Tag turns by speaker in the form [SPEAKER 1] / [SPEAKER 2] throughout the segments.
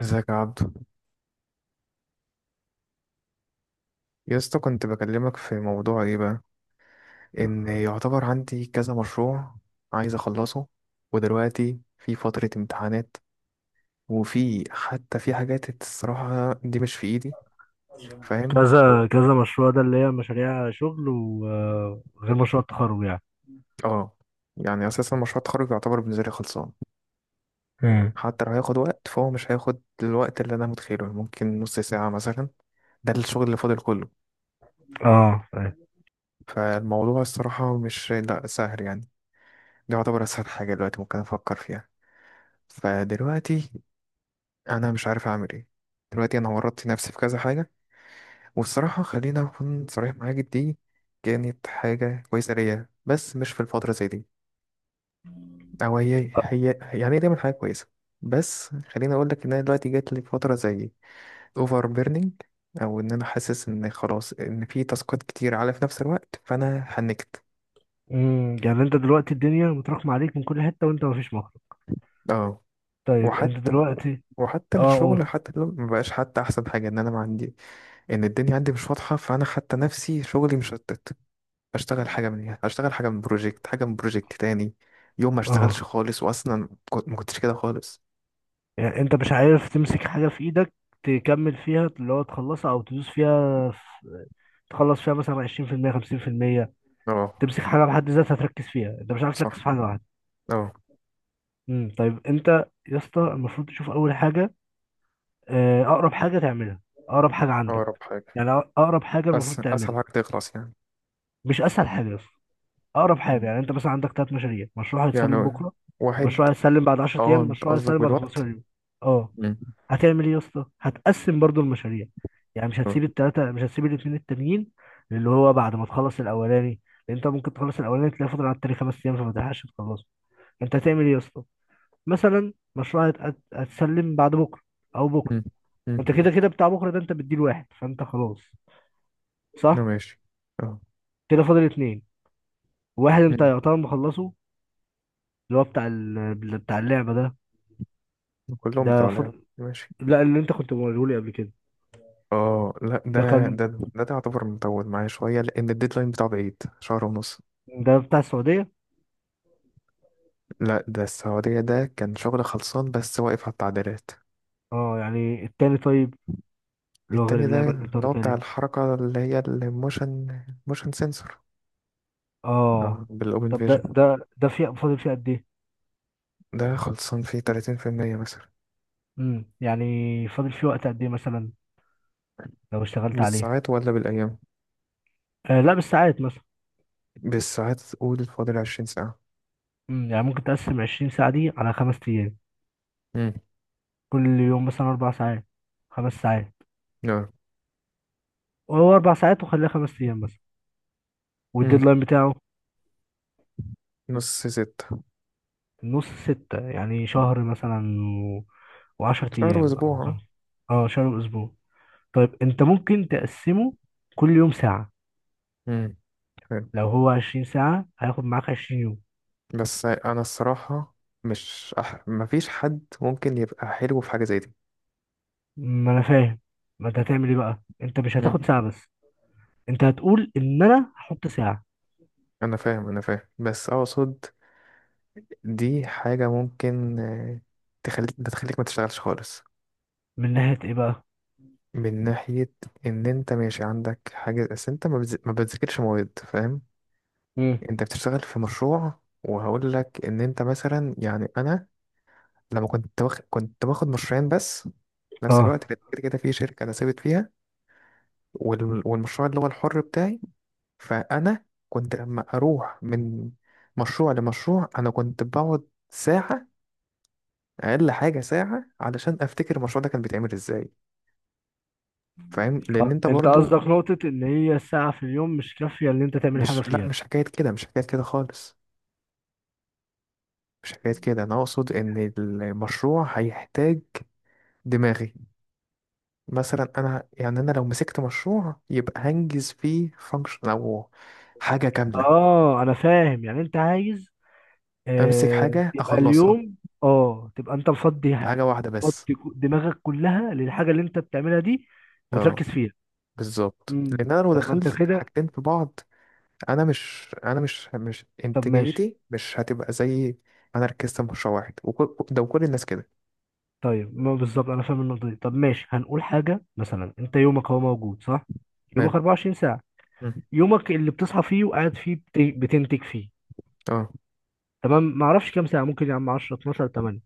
[SPEAKER 1] ازيك يا عبدو، يا اسطى كنت بكلمك في موضوع ايه بقى؟ ان يعتبر عندي كذا مشروع، عايز اخلصه، ودلوقتي في فترة امتحانات، وفي حتى في حاجات الصراحة دي مش في ايدي، فاهم؟
[SPEAKER 2] كذا كذا مشروع ده، اللي هي مشاريع شغل وغير مشروع التخرج يعني.
[SPEAKER 1] اه. يعني اساسا مشروع التخرج يعتبر بالنسبة لي خلصان،
[SPEAKER 2] امم
[SPEAKER 1] حتى لو هياخد وقت فهو مش هياخد الوقت اللي انا متخيله، ممكن نص ساعة مثلا. ده الشغل اللي فاضل كله.
[SPEAKER 2] اه طيب.
[SPEAKER 1] فالموضوع الصراحة مش، لا، سهل يعني، ده يعتبر اسهل حاجة دلوقتي ممكن افكر فيها. فدلوقتي انا مش عارف اعمل ايه. دلوقتي انا ورطت نفسي في كذا حاجه، والصراحه خلينا اكون صريح معاك، دي كانت حاجه كويسه ليا بس مش في الفتره زي دي، او هي يعني هي دايما حاجه كويسه، بس خليني اقول لك ان انا دلوقتي جات لي فتره زي اوفر بيرنينج، او ان انا حاسس ان خلاص، ان في تاسكات كتير على في نفس الوقت، فانا حنكت.
[SPEAKER 2] يعني انت دلوقتي الدنيا متراكمة عليك من كل حتة وانت مفيش مخرج.
[SPEAKER 1] اه.
[SPEAKER 2] طيب انت
[SPEAKER 1] وحتى
[SPEAKER 2] دلوقتي.
[SPEAKER 1] وحتى
[SPEAKER 2] اه
[SPEAKER 1] الشغل،
[SPEAKER 2] قول.
[SPEAKER 1] حتى لو مبقاش، حتى احسن حاجه ان انا ما عندي، ان الدنيا عندي مش واضحه، فانا حتى نفسي شغلي مشتت، اشتغل حاجه من، اشتغل حاجه من بروجكت، حاجه من بروجكت تاني، يوم ما اشتغلش
[SPEAKER 2] اه
[SPEAKER 1] خالص، واصلا ما كنتش كده خالص.
[SPEAKER 2] يعني انت مش عارف تمسك حاجة في ايدك، تكمل فيها، اللي هو تخلصها او تدوس فيها في... تخلص فيها مثلا 20%، 50%.
[SPEAKER 1] اه.
[SPEAKER 2] تمسك حاجة بحد ذاتها تركز فيها، انت مش عارف
[SPEAKER 1] صح.
[SPEAKER 2] تركز في حاجة واحدة.
[SPEAKER 1] اه.
[SPEAKER 2] طيب انت، يا اسطى المفروض تشوف اول حاجة، اقرب حاجه تعملها، اقرب حاجه عندك.
[SPEAKER 1] اقرب حاجة.
[SPEAKER 2] يعني اقرب حاجه المفروض
[SPEAKER 1] اسهل
[SPEAKER 2] تعملها.
[SPEAKER 1] حاجه تخلص يعني.
[SPEAKER 2] مش اسهل حاجه بس، اقرب حاجه.
[SPEAKER 1] مم.
[SPEAKER 2] يعني انت مثلا عندك 3 مشاريع، مشروع
[SPEAKER 1] يعني
[SPEAKER 2] هيتسلم بكره،
[SPEAKER 1] واحد.
[SPEAKER 2] مشروع هيتسلم بعد 10
[SPEAKER 1] اه،
[SPEAKER 2] ايام،
[SPEAKER 1] انت
[SPEAKER 2] مشروع
[SPEAKER 1] قصدك
[SPEAKER 2] هيتسلم بعد
[SPEAKER 1] بالوقت؟
[SPEAKER 2] 15 يوم. اه
[SPEAKER 1] مم.
[SPEAKER 2] هتعمل ايه يا اسطى؟ هتقسم برضو المشاريع، يعني مش
[SPEAKER 1] اه.
[SPEAKER 2] هتسيب الثلاثه، مش هتسيب الاثنين التانيين، اللي هو بعد ما تخلص الاولاني. لان انت ممكن تخلص الاولاني تلاقي فاضل على التاني 5 ايام فما تلحقش تخلصه. انت هتعمل ايه يا اسطى؟ مثلا مشروع هتسلم بعد بكره او بكره،
[SPEAKER 1] مم. مم.
[SPEAKER 2] انت كده كده بتاع بكره ده انت بتديله واحد فانت خلاص،
[SPEAKER 1] لا،
[SPEAKER 2] صح.
[SPEAKER 1] ماشي. اه.
[SPEAKER 2] كده فاضل اتنين، واحد انت
[SPEAKER 1] مم.
[SPEAKER 2] يعتبر مخلصه، اللي هو بتاع ال... بتاع اللعبه ده.
[SPEAKER 1] كلهم
[SPEAKER 2] ده
[SPEAKER 1] بتاع لعب،
[SPEAKER 2] فاضل،
[SPEAKER 1] ماشي.
[SPEAKER 2] لا اللي انت كنت موريه لي قبل كده.
[SPEAKER 1] اه، لا
[SPEAKER 2] ده
[SPEAKER 1] ده
[SPEAKER 2] كان،
[SPEAKER 1] ده ده, ده يعتبر مطول معايا شويه، لان الديدلاين بتاعه بعيد شهر ونص.
[SPEAKER 2] ده بتاع السعوديه.
[SPEAKER 1] لا، ده السعوديه، ده كان شغل خلصان بس واقف على التعديلات.
[SPEAKER 2] اه يعني التاني طيب، اللي هو غير
[SPEAKER 1] التاني ده
[SPEAKER 2] اللعبه اللي انت
[SPEAKER 1] اللي هو
[SPEAKER 2] قلتها
[SPEAKER 1] بتاع
[SPEAKER 2] لي.
[SPEAKER 1] الحركة، اللي هي الموشن، موشن سنسور. اه،
[SPEAKER 2] اه
[SPEAKER 1] بالأوبن
[SPEAKER 2] طب
[SPEAKER 1] فيجن.
[SPEAKER 2] ده في فاضل فيه قد ايه؟
[SPEAKER 1] ده خلصان فيه 30% مثلا.
[SPEAKER 2] يعني فاضل فيه وقت قد ايه مثلا لو اشتغلت عليه؟
[SPEAKER 1] بالساعات ولا بالأيام؟
[SPEAKER 2] لا بالساعات مثلا.
[SPEAKER 1] بالساعات قول، فاضل 20 ساعة.
[SPEAKER 2] يعني ممكن تقسم 20 ساعه دي على 5 ايام،
[SPEAKER 1] امم.
[SPEAKER 2] كل يوم مثلا 4 ساعات، 5 ساعات.
[SPEAKER 1] اه.
[SPEAKER 2] هو 4 ساعات، وخليها 5 أيام مثلا.
[SPEAKER 1] امم.
[SPEAKER 2] والديدلاين بتاعه،
[SPEAKER 1] 5:30.
[SPEAKER 2] نص ستة يعني شهر مثلا و... وعشر
[SPEAKER 1] شهر
[SPEAKER 2] أيام أو
[SPEAKER 1] وأسبوع اه.
[SPEAKER 2] خمسة. اه شهر وأسبوع. طيب أنت ممكن تقسمه كل يوم ساعة.
[SPEAKER 1] امم. حلو.
[SPEAKER 2] لو هو 20 ساعة هياخد معاك 20 يوم.
[SPEAKER 1] بس أنا الصراحة، مش أح... مفيش حد ممكن يبقى حلو في حاجة زي دي.
[SPEAKER 2] ما أنا فاهم، ما أنت هتعمل إيه بقى؟ أنت مش
[SPEAKER 1] مم.
[SPEAKER 2] هتاخد ساعة بس، أنت هتقول إن أنا هحط ساعة.
[SPEAKER 1] أنا فاهم، أنا فاهم، بس أقصد دي حاجة ممكن تخليك ما تشتغلش خالص.
[SPEAKER 2] من ناحية إيه بقى؟
[SPEAKER 1] من ناحية إن أنت ماشي عندك حاجة، بس أنت ما بتذاكرش مواد، فاهم؟
[SPEAKER 2] امم
[SPEAKER 1] أنت بتشتغل في مشروع، وهقول لك إن أنت مثلا، يعني أنا لما كنت واخد، كنت باخد مشروعين بس في نفس
[SPEAKER 2] اه
[SPEAKER 1] الوقت، كانت كده كده في شركة أنا ثابت فيها، والمشروع اللي هو الحر بتاعي، فأنا كنت لما أروح من مشروع لمشروع أنا كنت بقعد ساعة، أقل حاجة ساعة، علشان أفتكر المشروع ده كان بيتعمل إزاي، فاهم؟ لأن أنت
[SPEAKER 2] انت
[SPEAKER 1] برضو
[SPEAKER 2] قصدك نقطة ان هي الساعة في اليوم مش كافية ان انت تعمل حاجة
[SPEAKER 1] مش، لا،
[SPEAKER 2] فيها.
[SPEAKER 1] مش حكاية كده، مش حكاية كده خالص، مش حكاية كده، أنا أقصد إن المشروع هيحتاج دماغي. مثلا أنا، يعني أنا لو مسكت مشروع يبقى هنجز فيه فانكشن أو حاجة كاملة،
[SPEAKER 2] اه انا فاهم، يعني انت عايز،
[SPEAKER 1] أمسك حاجة
[SPEAKER 2] يبقى
[SPEAKER 1] أخلصها،
[SPEAKER 2] اليوم. اه تبقى انت
[SPEAKER 1] حاجة واحدة بس.
[SPEAKER 2] دماغك كلها للحاجه اللي انت بتعملها دي
[SPEAKER 1] اه،
[SPEAKER 2] وتركز فيها.
[SPEAKER 1] بالظبط، لأن أنا لو
[SPEAKER 2] طب ما انت
[SPEAKER 1] دخلت
[SPEAKER 2] كده،
[SPEAKER 1] حاجتين في بعض، أنا مش أنا مش مش
[SPEAKER 2] طب ماشي.
[SPEAKER 1] إنتاجيتي مش هتبقى زي ما أنا ركزت في مشروع واحد، وكل ده وكل الناس كده.
[SPEAKER 2] طيب ما بالظبط انا فاهم النقطه دي. طب ماشي هنقول حاجه مثلا، انت يومك هو موجود صح؟ يومك
[SPEAKER 1] حلو.
[SPEAKER 2] 24 ساعه،
[SPEAKER 1] مم.
[SPEAKER 2] يومك اللي بتصحى فيه وقاعد فيه بتنتج فيه.
[SPEAKER 1] اه.
[SPEAKER 2] تمام. ما اعرفش كام ساعه، ممكن يا عم 10، 12، 8.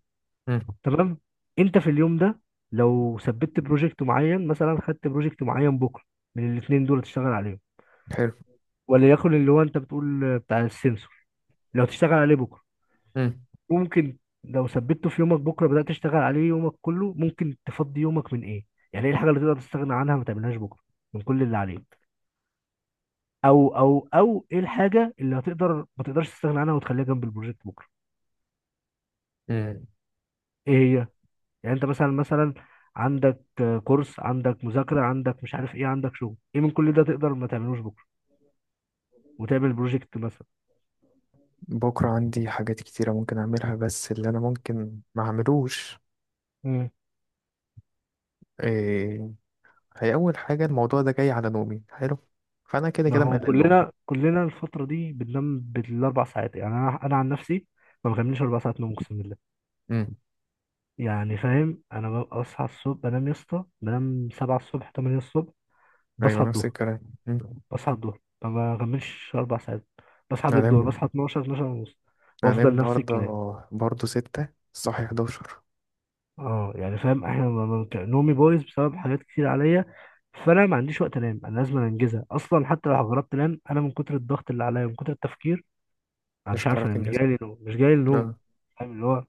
[SPEAKER 1] مم.
[SPEAKER 2] تمام. انت في اليوم ده، لو ثبت بروجكت معين مثلا، خدت بروجكت معين بكره من الاثنين دول تشتغل عليهم،
[SPEAKER 1] حلو.
[SPEAKER 2] وليكن اللي هو انت بتقول بتاع السنسور، لو تشتغل عليه بكره،
[SPEAKER 1] مم.
[SPEAKER 2] ممكن لو ثبته في يومك بكره بدأت تشتغل عليه يومك كله، ممكن تفضي يومك من ايه. يعني ايه الحاجه اللي تقدر تستغنى عنها ما تعملهاش بكره من كل اللي عليك، او ايه الحاجه اللي هتقدر ما تقدرش تستغنى عنها وتخليها جنب البروجكت بكره.
[SPEAKER 1] مم.
[SPEAKER 2] ايه هي؟ يعني انت مثلا عندك كورس، عندك مذاكره، عندك مش عارف ايه، عندك شغل، ايه من كل ده تقدر ما تعملوش بكره وتعمل بروجكت مثلا؟
[SPEAKER 1] بكرة عندي حاجات كتيرة ممكن أعملها، بس اللي أنا ممكن ما أعملوش إيه؟ هي أول حاجة، الموضوع ده جاي على نومي، حلو، فأنا كده
[SPEAKER 2] ما
[SPEAKER 1] كده
[SPEAKER 2] هو
[SPEAKER 1] مقلل نومي.
[SPEAKER 2] كلنا الفترة دي بننام بالأربع ساعات. يعني أنا عن نفسي ما بكملش 4 ساعات نوم، أقسم بالله.
[SPEAKER 1] امم.
[SPEAKER 2] يعني فاهم، أنا ببقى أصحى الصبح، بنام يا اسطى بنام 7 الصبح، 8 الصبح،
[SPEAKER 1] أيوة،
[SPEAKER 2] بصحى
[SPEAKER 1] نفس
[SPEAKER 2] الظهر.
[SPEAKER 1] الكلام. امم.
[SPEAKER 2] بصحى الظهر ما بكملش أربع ساعات، بصحى قبل الظهر،
[SPEAKER 1] هنام.
[SPEAKER 2] بصحى 12، 12 ونص
[SPEAKER 1] هنام
[SPEAKER 2] وأفضل نفس
[SPEAKER 1] النهاردة
[SPEAKER 2] الكلام.
[SPEAKER 1] برضه ستة، صاحي حداشر.
[SPEAKER 2] أه يعني فاهم إحنا نومي بايظ بسبب حاجات كتير عليا، فأنا ما عنديش وقت أنام، أنا لازم أنجزها أصلا. حتى لو جربت أنام، أنا من كتر الضغط اللي عليا، من كتر التفكير، انا
[SPEAKER 1] مش
[SPEAKER 2] مش عارف،
[SPEAKER 1] هتعرف
[SPEAKER 2] انا مش
[SPEAKER 1] تنجز.
[SPEAKER 2] جاي لي نوم، مش جاي لي نوم.
[SPEAKER 1] آه.
[SPEAKER 2] فاهم، اللي هو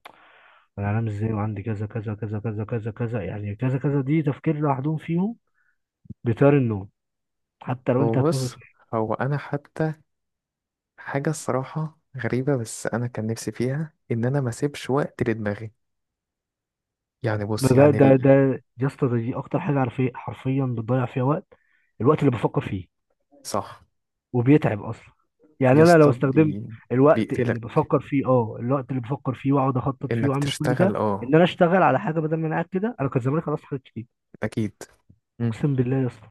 [SPEAKER 2] انا هنام ازاي وعندي كذا كذا كذا كذا كذا كذا؟ يعني كذا كذا دي تفكير لوحدهم، فيهم بيطير النوم، حتى لو
[SPEAKER 1] هو
[SPEAKER 2] انت هتموت.
[SPEAKER 1] بص، هو أنا حتى حاجة الصراحة غريبة، بس أنا كان نفسي فيها إن أنا ما أسيبش وقت لدماغي، يعني بص، يعني ال...
[SPEAKER 2] ده يا اسطى، ده دي اكتر حاجه عارف ايه حرفيا بتضيع فيها وقت، الوقت اللي بفكر فيه
[SPEAKER 1] صح.
[SPEAKER 2] وبيتعب اصلا.
[SPEAKER 1] يا
[SPEAKER 2] يعني انا لو
[SPEAKER 1] اسطى
[SPEAKER 2] استخدمت
[SPEAKER 1] بي...
[SPEAKER 2] الوقت اللي
[SPEAKER 1] بيقتلك
[SPEAKER 2] بفكر فيه، اه الوقت اللي بفكر فيه واقعد اخطط فيه
[SPEAKER 1] انك
[SPEAKER 2] واعمل كل ده،
[SPEAKER 1] تشتغل، اه.
[SPEAKER 2] ان انا اشتغل على حاجه بدل ما انا قاعد كده، انا كان زماني خلاص حاجات كتير.
[SPEAKER 1] اكيد. مم.
[SPEAKER 2] اقسم بالله يا اسطى.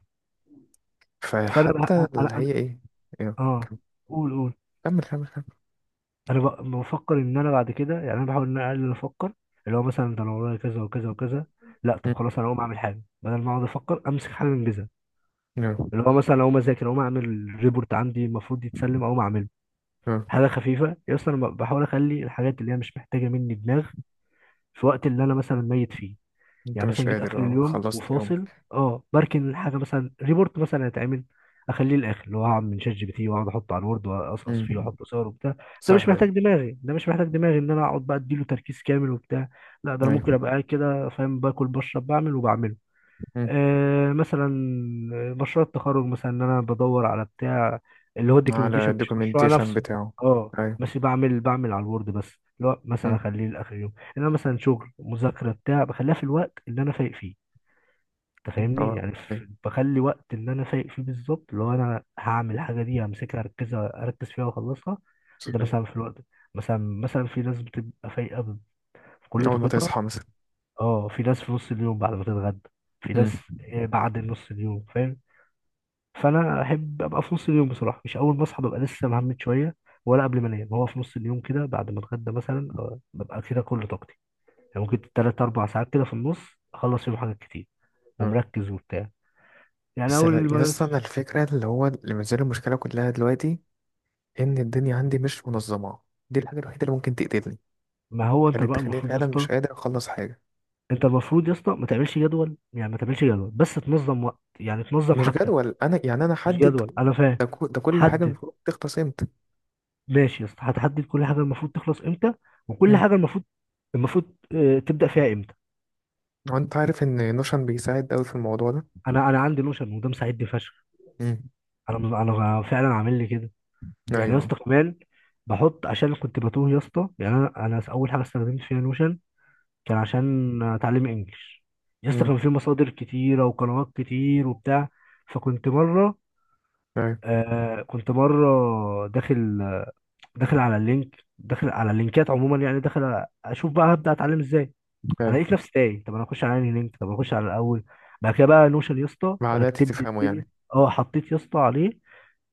[SPEAKER 2] فانا
[SPEAKER 1] فحتى اللي هي ايه. يلا،
[SPEAKER 2] اه
[SPEAKER 1] كمل.
[SPEAKER 2] قول
[SPEAKER 1] كمل كمل كمل.
[SPEAKER 2] انا بفكر ان انا بعد كده، يعني انا بحاول ان انا اقلل افكر، اللي هو مثلا ده انا ورايا كذا وكذا وكذا. لا طب
[SPEAKER 1] مم.
[SPEAKER 2] خلاص انا اقوم اعمل حاجه، بدل ما اقعد افكر امسك حاجه انجزها.
[SPEAKER 1] يلا.
[SPEAKER 2] اللي هو مثلا اقوم اذاكر، اقوم اعمل ريبورت عندي المفروض يتسلم، اقوم اعمله.
[SPEAKER 1] يلا.
[SPEAKER 2] حاجه خفيفه يا اسطى، انا بحاول اخلي الحاجات اللي هي مش محتاجه مني دماغ في وقت اللي انا مثلا ميت فيه.
[SPEAKER 1] انت
[SPEAKER 2] يعني
[SPEAKER 1] مش
[SPEAKER 2] مثلا جيت اخر
[SPEAKER 1] قادر، اه،
[SPEAKER 2] اليوم
[SPEAKER 1] خلصت
[SPEAKER 2] وفاصل،
[SPEAKER 1] يومك.
[SPEAKER 2] اه بركن الحاجه مثلا، ريبورت مثلا هيتعمل، اخليه الاخر، اللي هو هعمل من شات جي بي تي واقعد احطه على الوورد واقصقص
[SPEAKER 1] مم.
[SPEAKER 2] فيه واحط صور وبتاع. ده مش
[SPEAKER 1] سهلة
[SPEAKER 2] محتاج
[SPEAKER 1] دي.
[SPEAKER 2] دماغي، ده مش محتاج دماغي ان انا اقعد بقى اديله تركيز كامل وبتاع. لا ده انا ممكن
[SPEAKER 1] ايوه.
[SPEAKER 2] ابقى قاعد كده فاهم، باكل بشرب بعمل وبعمله.
[SPEAKER 1] مم.
[SPEAKER 2] مثلا مشروع التخرج مثلا، ان انا بدور على بتاع اللي هو
[SPEAKER 1] على
[SPEAKER 2] الدوكيومنتيشن، مش مشروع
[SPEAKER 1] الدوكيومنتيشن
[SPEAKER 2] نفسه.
[SPEAKER 1] بتاعه.
[SPEAKER 2] اه
[SPEAKER 1] ايوه.
[SPEAKER 2] بس بعمل على الوورد بس، اللي هو مثلا
[SPEAKER 1] مم.
[SPEAKER 2] اخليه لاخر يوم. انا مثلا شغل مذاكره بتاع، بخليها في الوقت اللي انا فايق فيه. انت فاهمني
[SPEAKER 1] اه.
[SPEAKER 2] يعني
[SPEAKER 1] ايوه.
[SPEAKER 2] بخلي وقت اللي انا فايق فيه بالظبط، اللي هو انا هعمل الحاجه دي، همسكها اركزها، اركز فيها واخلصها. ده
[SPEAKER 1] صحيح.
[SPEAKER 2] مثلا في الوقت ده. مثلا في ناس بتبقى فايقه في كل
[SPEAKER 1] اول ما
[SPEAKER 2] طاقتها
[SPEAKER 1] تصحى مثلا.
[SPEAKER 2] اه في ناس في نص اليوم بعد ما تتغدى، في ناس
[SPEAKER 1] مم.
[SPEAKER 2] بعد نص اليوم، فاهم؟ فانا احب ابقى في نص اليوم بصراحه، مش اول ما اصحى ببقى لسه مهمت شويه، ولا قبل ما انام، هو في نص اليوم كده بعد ما اتغدى مثلا، ببقى كده كل طاقتي، يعني ممكن تلات اربع ساعات كده في النص اخلص فيهم حاجات كتير
[SPEAKER 1] اه.
[SPEAKER 2] ومركز وبتاع. يعني
[SPEAKER 1] بس
[SPEAKER 2] اول
[SPEAKER 1] يا
[SPEAKER 2] ما
[SPEAKER 1] اسطى، انا
[SPEAKER 2] بس.
[SPEAKER 1] الفكرة اللي هو اللي مازال المشكلة كلها دلوقتي، ان الدنيا عندي مش منظمة، دي الحاجة الوحيدة اللي ممكن تقتلني،
[SPEAKER 2] ما هو انت
[SPEAKER 1] خليت
[SPEAKER 2] بقى
[SPEAKER 1] تخليني
[SPEAKER 2] المفروض يا
[SPEAKER 1] فعلا مش
[SPEAKER 2] اسطى،
[SPEAKER 1] قادر اخلص حاجة.
[SPEAKER 2] انت المفروض يا اسطى ما تعملش جدول، يعني ما تعملش جدول بس تنظم وقت، يعني تنظم
[SPEAKER 1] مش
[SPEAKER 2] حاجتك.
[SPEAKER 1] جدول، انا يعني انا
[SPEAKER 2] مش
[SPEAKER 1] حدد
[SPEAKER 2] جدول انا فاهم.
[SPEAKER 1] ده كل حاجه
[SPEAKER 2] حدد.
[SPEAKER 1] المفروض تخلص امتى.
[SPEAKER 2] ماشي يا اسطى، هتحدد كل حاجه المفروض تخلص امتى، وكل
[SPEAKER 1] امم.
[SPEAKER 2] حاجه المفروض تبدا فيها امتى.
[SPEAKER 1] وانت عارف ان نوشن بيساعد قوي في الموضوع ده.
[SPEAKER 2] انا عندي نوشن وده مساعدني فشخ.
[SPEAKER 1] امم.
[SPEAKER 2] انا فعلا عامل لي كده. يعني يا
[SPEAKER 1] ايوه.
[SPEAKER 2] اسطى كمان بحط عشان كنت بتوه يا اسطى، يعني انا اول حاجه استخدمت فيها نوشن كان عشان اتعلم انجلش. يا اسطى
[SPEAKER 1] امم.
[SPEAKER 2] كان في مصادر كتيره وقنوات كتير وبتاع. فكنت مره
[SPEAKER 1] ايوه.
[SPEAKER 2] كنت مره داخل، داخل على اللينك، داخل على اللينكات عموما، يعني داخل اشوف بقى هبدا اتعلم ازاي. انا
[SPEAKER 1] ايوه.
[SPEAKER 2] لقيت نفسي تايه، طب انا اخش على انهي لينك، طب اخش على الاول. بعد كده بقى نوشن يا اسطى
[SPEAKER 1] بعدها
[SPEAKER 2] رتب لي
[SPEAKER 1] تفهمه
[SPEAKER 2] الدنيا.
[SPEAKER 1] يعني.
[SPEAKER 2] اه حطيت يا اسطى عليه،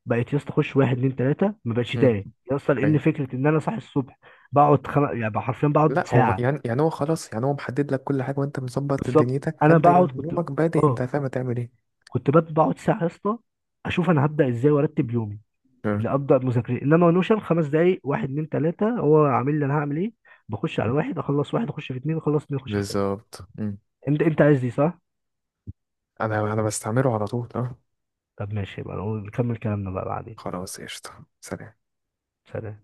[SPEAKER 2] بقيت يا اسطى اخش واحد اتنين تلاته، ما بقتش
[SPEAKER 1] امم.
[SPEAKER 2] تاني يا اسطى، لان
[SPEAKER 1] ايوه.
[SPEAKER 2] فكره ان انا صاحي الصبح بقعد يعني بقى حرفيا بقعد
[SPEAKER 1] لا، هو
[SPEAKER 2] ساعه.
[SPEAKER 1] يعني هو خلاص، يعني هو محدد لك كل حاجه وانت مظبط
[SPEAKER 2] بالظبط.
[SPEAKER 1] دنيتك،
[SPEAKER 2] انا
[SPEAKER 1] فانت
[SPEAKER 2] بقعد كنت
[SPEAKER 1] يومك بادئ، انت
[SPEAKER 2] اه
[SPEAKER 1] فاهم هتعمل ايه.
[SPEAKER 2] كنت بقعد، بقعد ساعه يا اسطى اشوف انا هبدا ازاي وارتب يومي،
[SPEAKER 1] آه،
[SPEAKER 2] اللي ابدا مذاكرة، انما نوشن 5 دقائق، واحد اتنين تلاته هو عامل لي انا هعمل ايه. بخش على واحد اخلص واحد، اخش في اتنين اخلص اتنين، اخش في تلاته.
[SPEAKER 1] بالظبط. مم.
[SPEAKER 2] انت عايز دي، صح؟
[SPEAKER 1] انا بستعمله على طول، اه.
[SPEAKER 2] طب ماشي يبقى نكمل كلامنا بقى بعدين.
[SPEAKER 1] خلاص، قشطه، سلام.
[SPEAKER 2] سلام.